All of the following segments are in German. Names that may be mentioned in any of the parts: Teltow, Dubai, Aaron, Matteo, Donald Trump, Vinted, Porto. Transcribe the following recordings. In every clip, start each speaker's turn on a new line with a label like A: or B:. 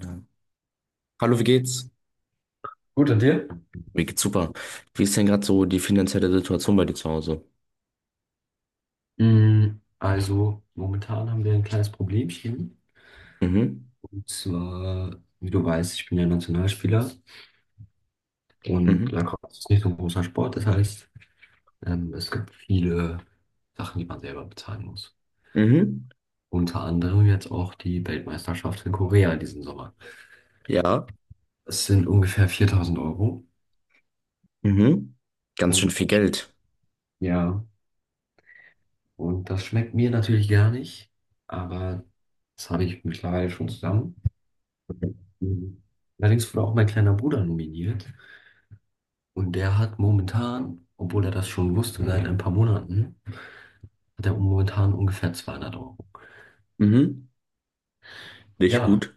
A: Ja. Hallo, wie geht's?
B: Gut, und dir?
A: Mir geht's super. Wie ist denn gerade so die finanzielle Situation bei dir zu Hause?
B: Also, momentan haben wir ein kleines Problemchen.
A: Mhm,
B: Und zwar, wie du weißt, ich bin ja Nationalspieler und
A: mhm,
B: Lacrosse ist nicht so ein großer Sport. Das heißt, es gibt viele Sachen, die man selber bezahlen muss.
A: mhm,
B: Unter anderem jetzt auch die Weltmeisterschaft in Korea diesen Sommer.
A: ja,
B: Es sind ungefähr 4000 Euro.
A: mhm. Ganz schön
B: Und
A: viel
B: das,
A: Geld.
B: ja, und das schmeckt mir natürlich gar nicht, aber das habe ich mittlerweile schon zusammen. Mhm. Allerdings wurde auch mein kleiner Bruder nominiert. Und der hat momentan, obwohl er das schon wusste seit ein paar Monaten, hat er momentan ungefähr 200 Euro.
A: Mhm, nicht
B: Ja.
A: gut.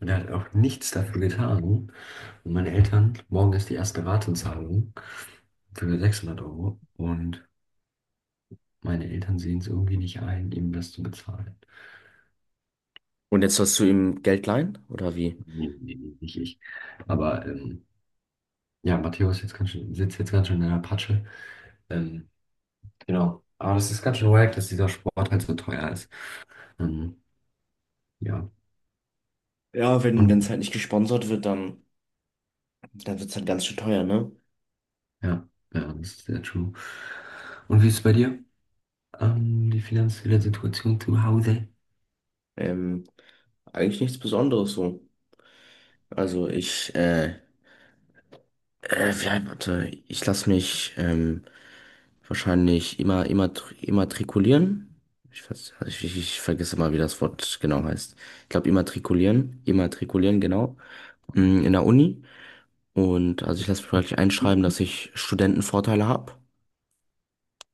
B: Und er hat auch nichts dafür getan. Und meine Eltern, morgen ist die erste Ratenzahlung für 600 Euro. Und meine Eltern sehen es irgendwie nicht ein, ihm das zu bezahlen.
A: Und jetzt hast du ihm Geld leihen, oder wie?
B: Nee, nee, nee, nicht ich. Aber ja, Matteo ist jetzt ganz schön, sitzt jetzt ganz schön in der Patsche. Ähm, genau. Aber das ist ganz schön wack, dass dieser Sport halt so teuer ist. Ähm, ja.
A: Ja, wenn es
B: Und
A: halt nicht gesponsert wird, dann wird es halt ganz schön teuer, ne?
B: ja, ja, das ist sehr true. Und wie ist es bei dir? Die finanzielle Situation zu Hause?
A: Ähm, Eigentlich nichts Besonderes so. Also ich, ja, warte, ich lasse mich wahrscheinlich immatrikulieren. Ich, weiß- ich vergesse mal, wie das Wort genau heißt. Ich glaube, immatrikulieren, immatrikulieren, genau. In der Uni. Und also ich lasse mich praktisch einschreiben, dass ich Studentenvorteile habe.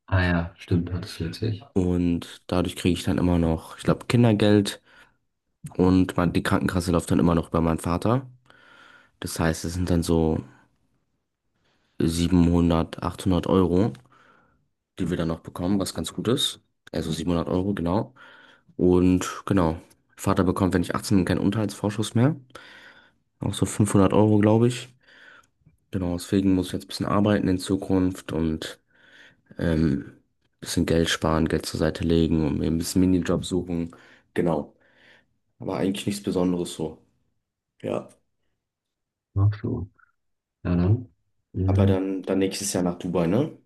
B: Ah ja, stimmt, hattest du letztlich.
A: Und dadurch kriege ich dann immer noch, ich glaube, Kindergeld. Und man, die Krankenkasse läuft dann immer noch über meinen Vater. Das heißt, es sind dann so 700, 800 Euro, die wir dann noch bekommen, was ganz gut ist. Also 700 Euro, genau. Und genau, Vater bekommt, wenn ich 18 bin, keinen Unterhaltsvorschuss mehr. Auch so 500 Euro, glaube ich. Genau, deswegen muss ich jetzt ein bisschen arbeiten in Zukunft und ein bisschen Geld sparen, Geld zur Seite legen und mir ein bisschen Minijob suchen. Genau, aber eigentlich nichts Besonderes so. Ja,
B: Ach so. Ja, dann.
A: aber
B: Mhm.
A: dann nächstes Jahr nach Dubai, ne?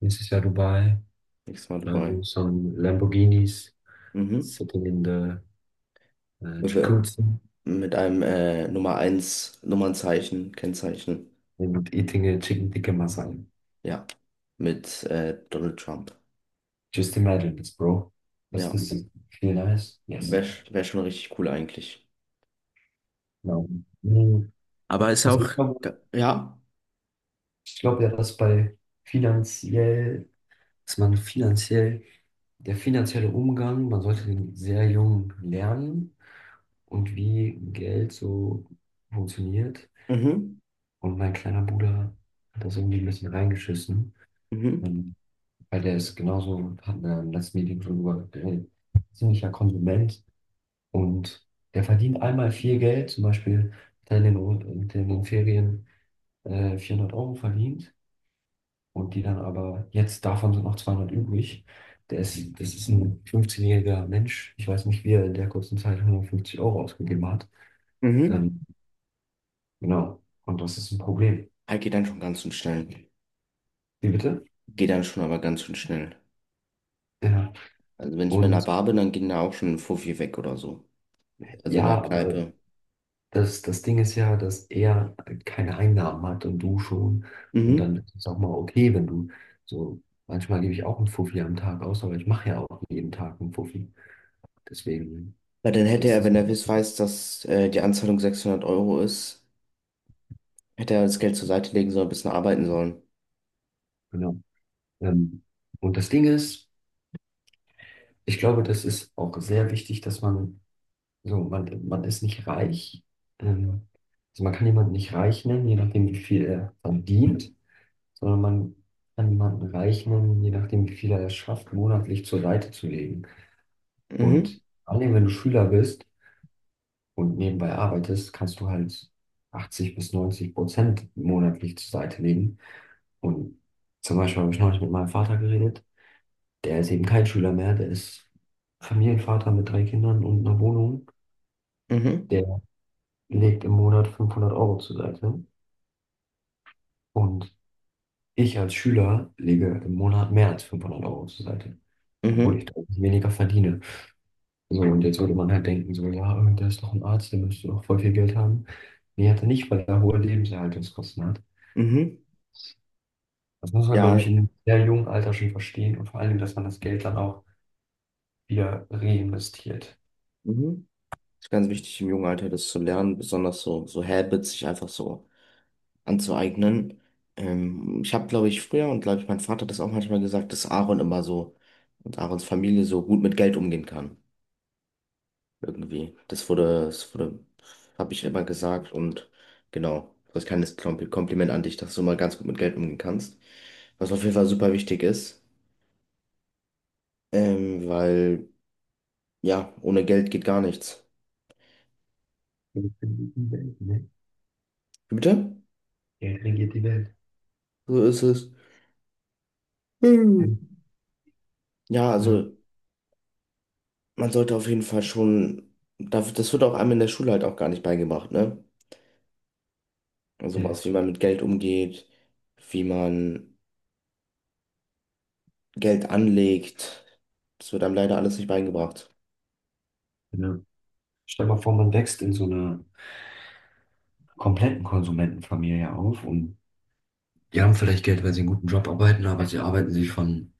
B: Nächstes Jahr Dubai.
A: Nächstes Mal Dubai.
B: Driving some Lamborghinis.
A: Mhm.
B: Sitting in the
A: Mit, äh,
B: jacuzzi.
A: mit einem Nummer eins Nummernzeichen, Kennzeichen.
B: And eating a chicken tikka masala.
A: Ja, mit Donald Trump.
B: Just imagine this, bro. Does
A: Ja,
B: this feel nice? Yes.
A: wär schon richtig cool eigentlich.
B: No. Mhm.
A: Aber ist ja
B: Also
A: auch,
B: ich glaube,
A: ja,
B: ich glaub ja, dass bei finanziell, dass man finanziell, der finanzielle Umgang, man sollte den sehr jung lernen und wie Geld so funktioniert.
A: mhm,
B: Und mein kleiner Bruder hat das irgendwie ein bisschen reingeschissen,
A: mhm,
B: ähm, weil der ist genauso, hatten wir im letzten Meeting schon drüber geredet, ziemlicher Konsument, und der verdient einmal viel Geld, zum Beispiel hat er in den, Ferien 400 Euro verdient. Und die dann aber, jetzt davon sind noch 200 übrig. Der ist, das ist ein 15-jähriger Mensch. Ich weiß nicht, wie er in der kurzen Zeit 150 Euro ausgegeben hat.
A: mhm.
B: Ähm, genau. Und das ist ein Problem.
A: Ah, geht dann schon ganz schön schnell.
B: Wie bitte?
A: Geht dann schon aber ganz schön schnell.
B: Ja.
A: Also wenn ich mal in einer
B: Und
A: Bar bin, dann gehen da auch schon ein Fuffi weg oder so. Also in der
B: ja, aber
A: Kneipe.
B: das Ding ist ja, dass er keine Einnahmen hat und du schon. Und
A: Mhm.
B: dann ist es auch mal okay, wenn du so, manchmal gebe ich auch einen Fuffi am Tag aus, aber ich mache ja auch jeden Tag einen Fuffi. Deswegen
A: Weil dann hätte
B: ist
A: er,
B: das,
A: wenn er weiß, dass die Anzahlung 600 € ist, hätte er das Geld zur Seite legen sollen, ein bisschen arbeiten sollen.
B: genau. Ähm, und das Ding ist, ich glaube, das ist auch sehr wichtig, dass man so, man ist nicht reich. Ähm, also man kann jemanden nicht reich nennen, je nachdem, wie viel er verdient, sondern man kann jemanden reich nennen, je nachdem, wie viel er es schafft, monatlich zur Seite zu legen.
A: Mhm,
B: Und vor allem, wenn du Schüler bist und nebenbei arbeitest, kannst du halt 80 bis 90% monatlich zur Seite legen. Und zum Beispiel habe ich neulich mit meinem Vater geredet. Der ist eben kein Schüler mehr, der ist Familienvater mit drei Kindern und einer Wohnung.
A: mhm,
B: Der legt im Monat 500 Euro zur Seite. Und ich als Schüler lege im Monat mehr als 500 Euro zur Seite, obwohl
A: mhm,
B: ich deutlich weniger verdiene. So, und jetzt würde man halt denken, so, ja, der ist doch ein Arzt, der müsste doch voll viel Geld haben. Nee, hat er nicht, weil er hohe Lebenserhaltungskosten hat.
A: mhm.
B: Das muss man, glaube ich,
A: Ja,
B: in einem sehr jungen Alter schon verstehen und vor allen Dingen, dass man das Geld dann auch wieder reinvestiert.
A: mhm. Ist ganz wichtig, im jungen Alter das zu lernen, besonders so Habits sich einfach so anzueignen. Ich habe, glaube ich, früher und glaube ich, mein Vater hat das auch manchmal gesagt, dass Aaron immer so und Aarons Familie so gut mit Geld umgehen kann. Irgendwie. Das wurde, habe ich immer gesagt und genau. Das ist ein kleines Kompliment an dich, dass du immer ganz gut mit Geld umgehen kannst. Was auf jeden Fall super wichtig ist, weil, ja, ohne Geld geht gar nichts.
B: Geld regiert die Welt, ne?
A: Wie bitte?
B: Geld regiert die Welt.
A: So ist es. Hm.
B: Ja.
A: Ja,
B: Ja.
A: also. Man sollte auf jeden Fall schon, das wird auch einem in der Schule halt auch gar nicht beigebracht, ne? Also
B: Ja.
A: was, wie man mit Geld umgeht, wie man Geld anlegt, das wird einem leider alles nicht beigebracht.
B: Ja. Stell mal vor, man wächst in so einer kompletten Konsumentenfamilie auf und die haben vielleicht Geld, weil sie einen guten Job arbeiten, aber sie arbeiten sich von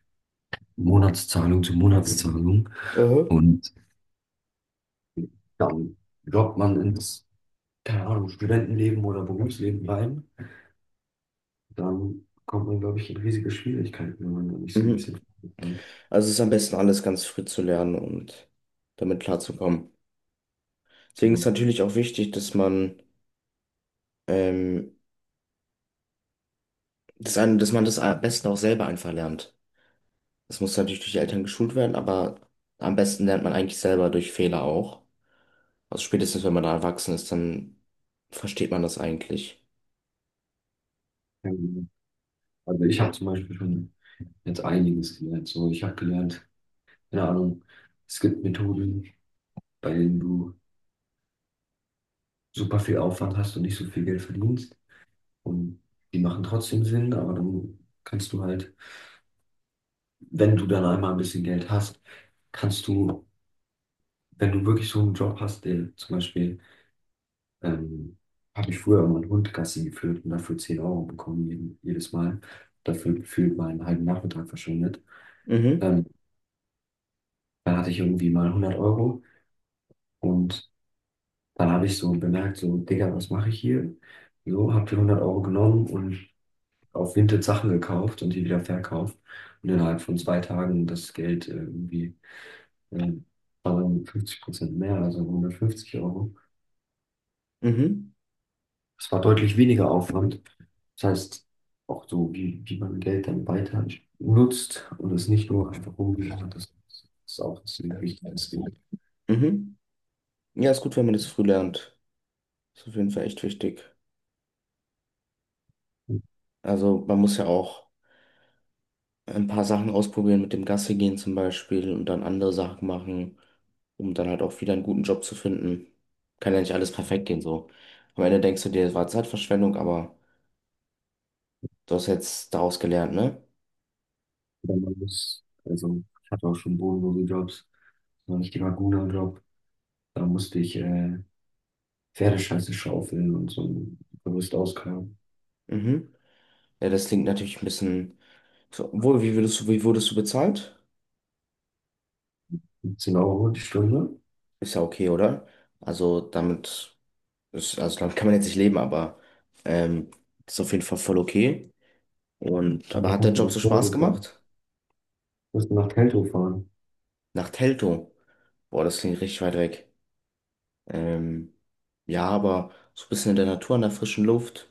B: Monatszahlung zu Monatszahlung,
A: Mhm.
B: und dann droppt man ins, keine Ahnung, Studentenleben oder Berufsleben rein. Dann kommt man, glaube ich, in riesige Schwierigkeiten, wenn man da nicht so ein
A: Mhm.
B: bisschen plant.
A: Also es ist am besten alles ganz früh zu lernen und damit klarzukommen. Deswegen ist
B: Genau.
A: natürlich auch wichtig, dass man, ähm, das eine, dass man das am besten auch selber einfach lernt. Das muss natürlich durch die Eltern geschult werden, aber am besten lernt man eigentlich selber durch Fehler auch. Also spätestens, wenn man da erwachsen ist, dann versteht man das eigentlich.
B: Ja, genau. Also ich habe zum Beispiel schon jetzt einiges gelernt. So, ich habe gelernt, keine Ahnung, es gibt Methoden, bei denen du super viel Aufwand hast und nicht so viel Geld verdienst. Und die machen trotzdem Sinn, aber dann kannst du halt, wenn du dann einmal ein bisschen Geld hast, kannst du, wenn du wirklich so einen Job hast, der zum Beispiel, ähm, habe ich früher immer einen Hund Gassi geführt und dafür 10 Euro bekommen, jeden, jedes Mal. Dafür gefühlt mal einen halben Nachmittag verschwendet.
A: Mhm,
B: Ähm, dann hatte ich irgendwie mal 100 Euro und dann habe ich so bemerkt, so, Digga, was mache ich hier? So, habe die 100 Euro genommen und auf Vinted Sachen gekauft und die wieder verkauft und innerhalb von 2 Tagen das Geld irgendwie äh, war dann 50% mehr, also 150 Euro.
A: mhm,
B: Das war deutlich weniger Aufwand. Das heißt, auch so, wie man Geld dann weiter nutzt und es nicht nur einfach rumliegt, das ist auch ziemlich wichtig. Das Ding.
A: mhm. Ja, ist gut, wenn man das früh lernt. Ist auf jeden Fall echt wichtig. Also man muss ja auch ein paar Sachen ausprobieren mit dem Gassi gehen zum Beispiel und dann andere Sachen machen, um dann halt auch wieder einen guten Job zu finden. Kann ja nicht alles perfekt gehen so. Am Ende denkst du dir, es war Zeitverschwendung, aber du hast jetzt daraus gelernt, ne?
B: Oder man muss, also ich hatte auch schon bodenlose Jobs, so einen richtiger Guna-Job, da musste ich Pferdescheiße schaufeln und so ein Gerüst ausgraben.
A: Mhm. Ja, das klingt natürlich ein bisschen. So, obwohl, wie würdest du, wie wurdest du bezahlt?
B: 15 Euro die Stunde,
A: Ist ja okay, oder? Also damit ist, also damit kann man jetzt nicht leben, aber ähm, ist auf jeden Fall voll okay. Und aber
B: aber
A: hat der
B: musst du
A: Job so
B: nach
A: Spaß
B: Porto fahren.
A: gemacht?
B: Musst du nach Teltow fahren.
A: Nach Teltow. Boah, das klingt richtig weit weg. Ähm, ja, aber so ein bisschen in der Natur, in der frischen Luft,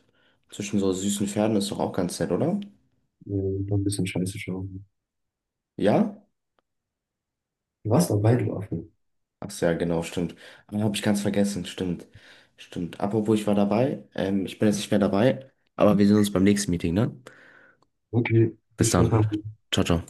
A: zwischen so süßen Pferden ist doch auch ganz nett, oder?
B: Noch ein bisschen Scheiße schauen.
A: Ja?
B: Du warst dabei, du Affe.
A: Ach ja, genau, stimmt. Ah, hab ich ganz vergessen, stimmt. Stimmt. Apropos, ich war dabei. Ich bin jetzt nicht mehr dabei, aber wir sehen uns beim nächsten Meeting, ne?
B: Okay, viel
A: Bis
B: Spaß
A: dann.
B: beim
A: Ciao, ciao.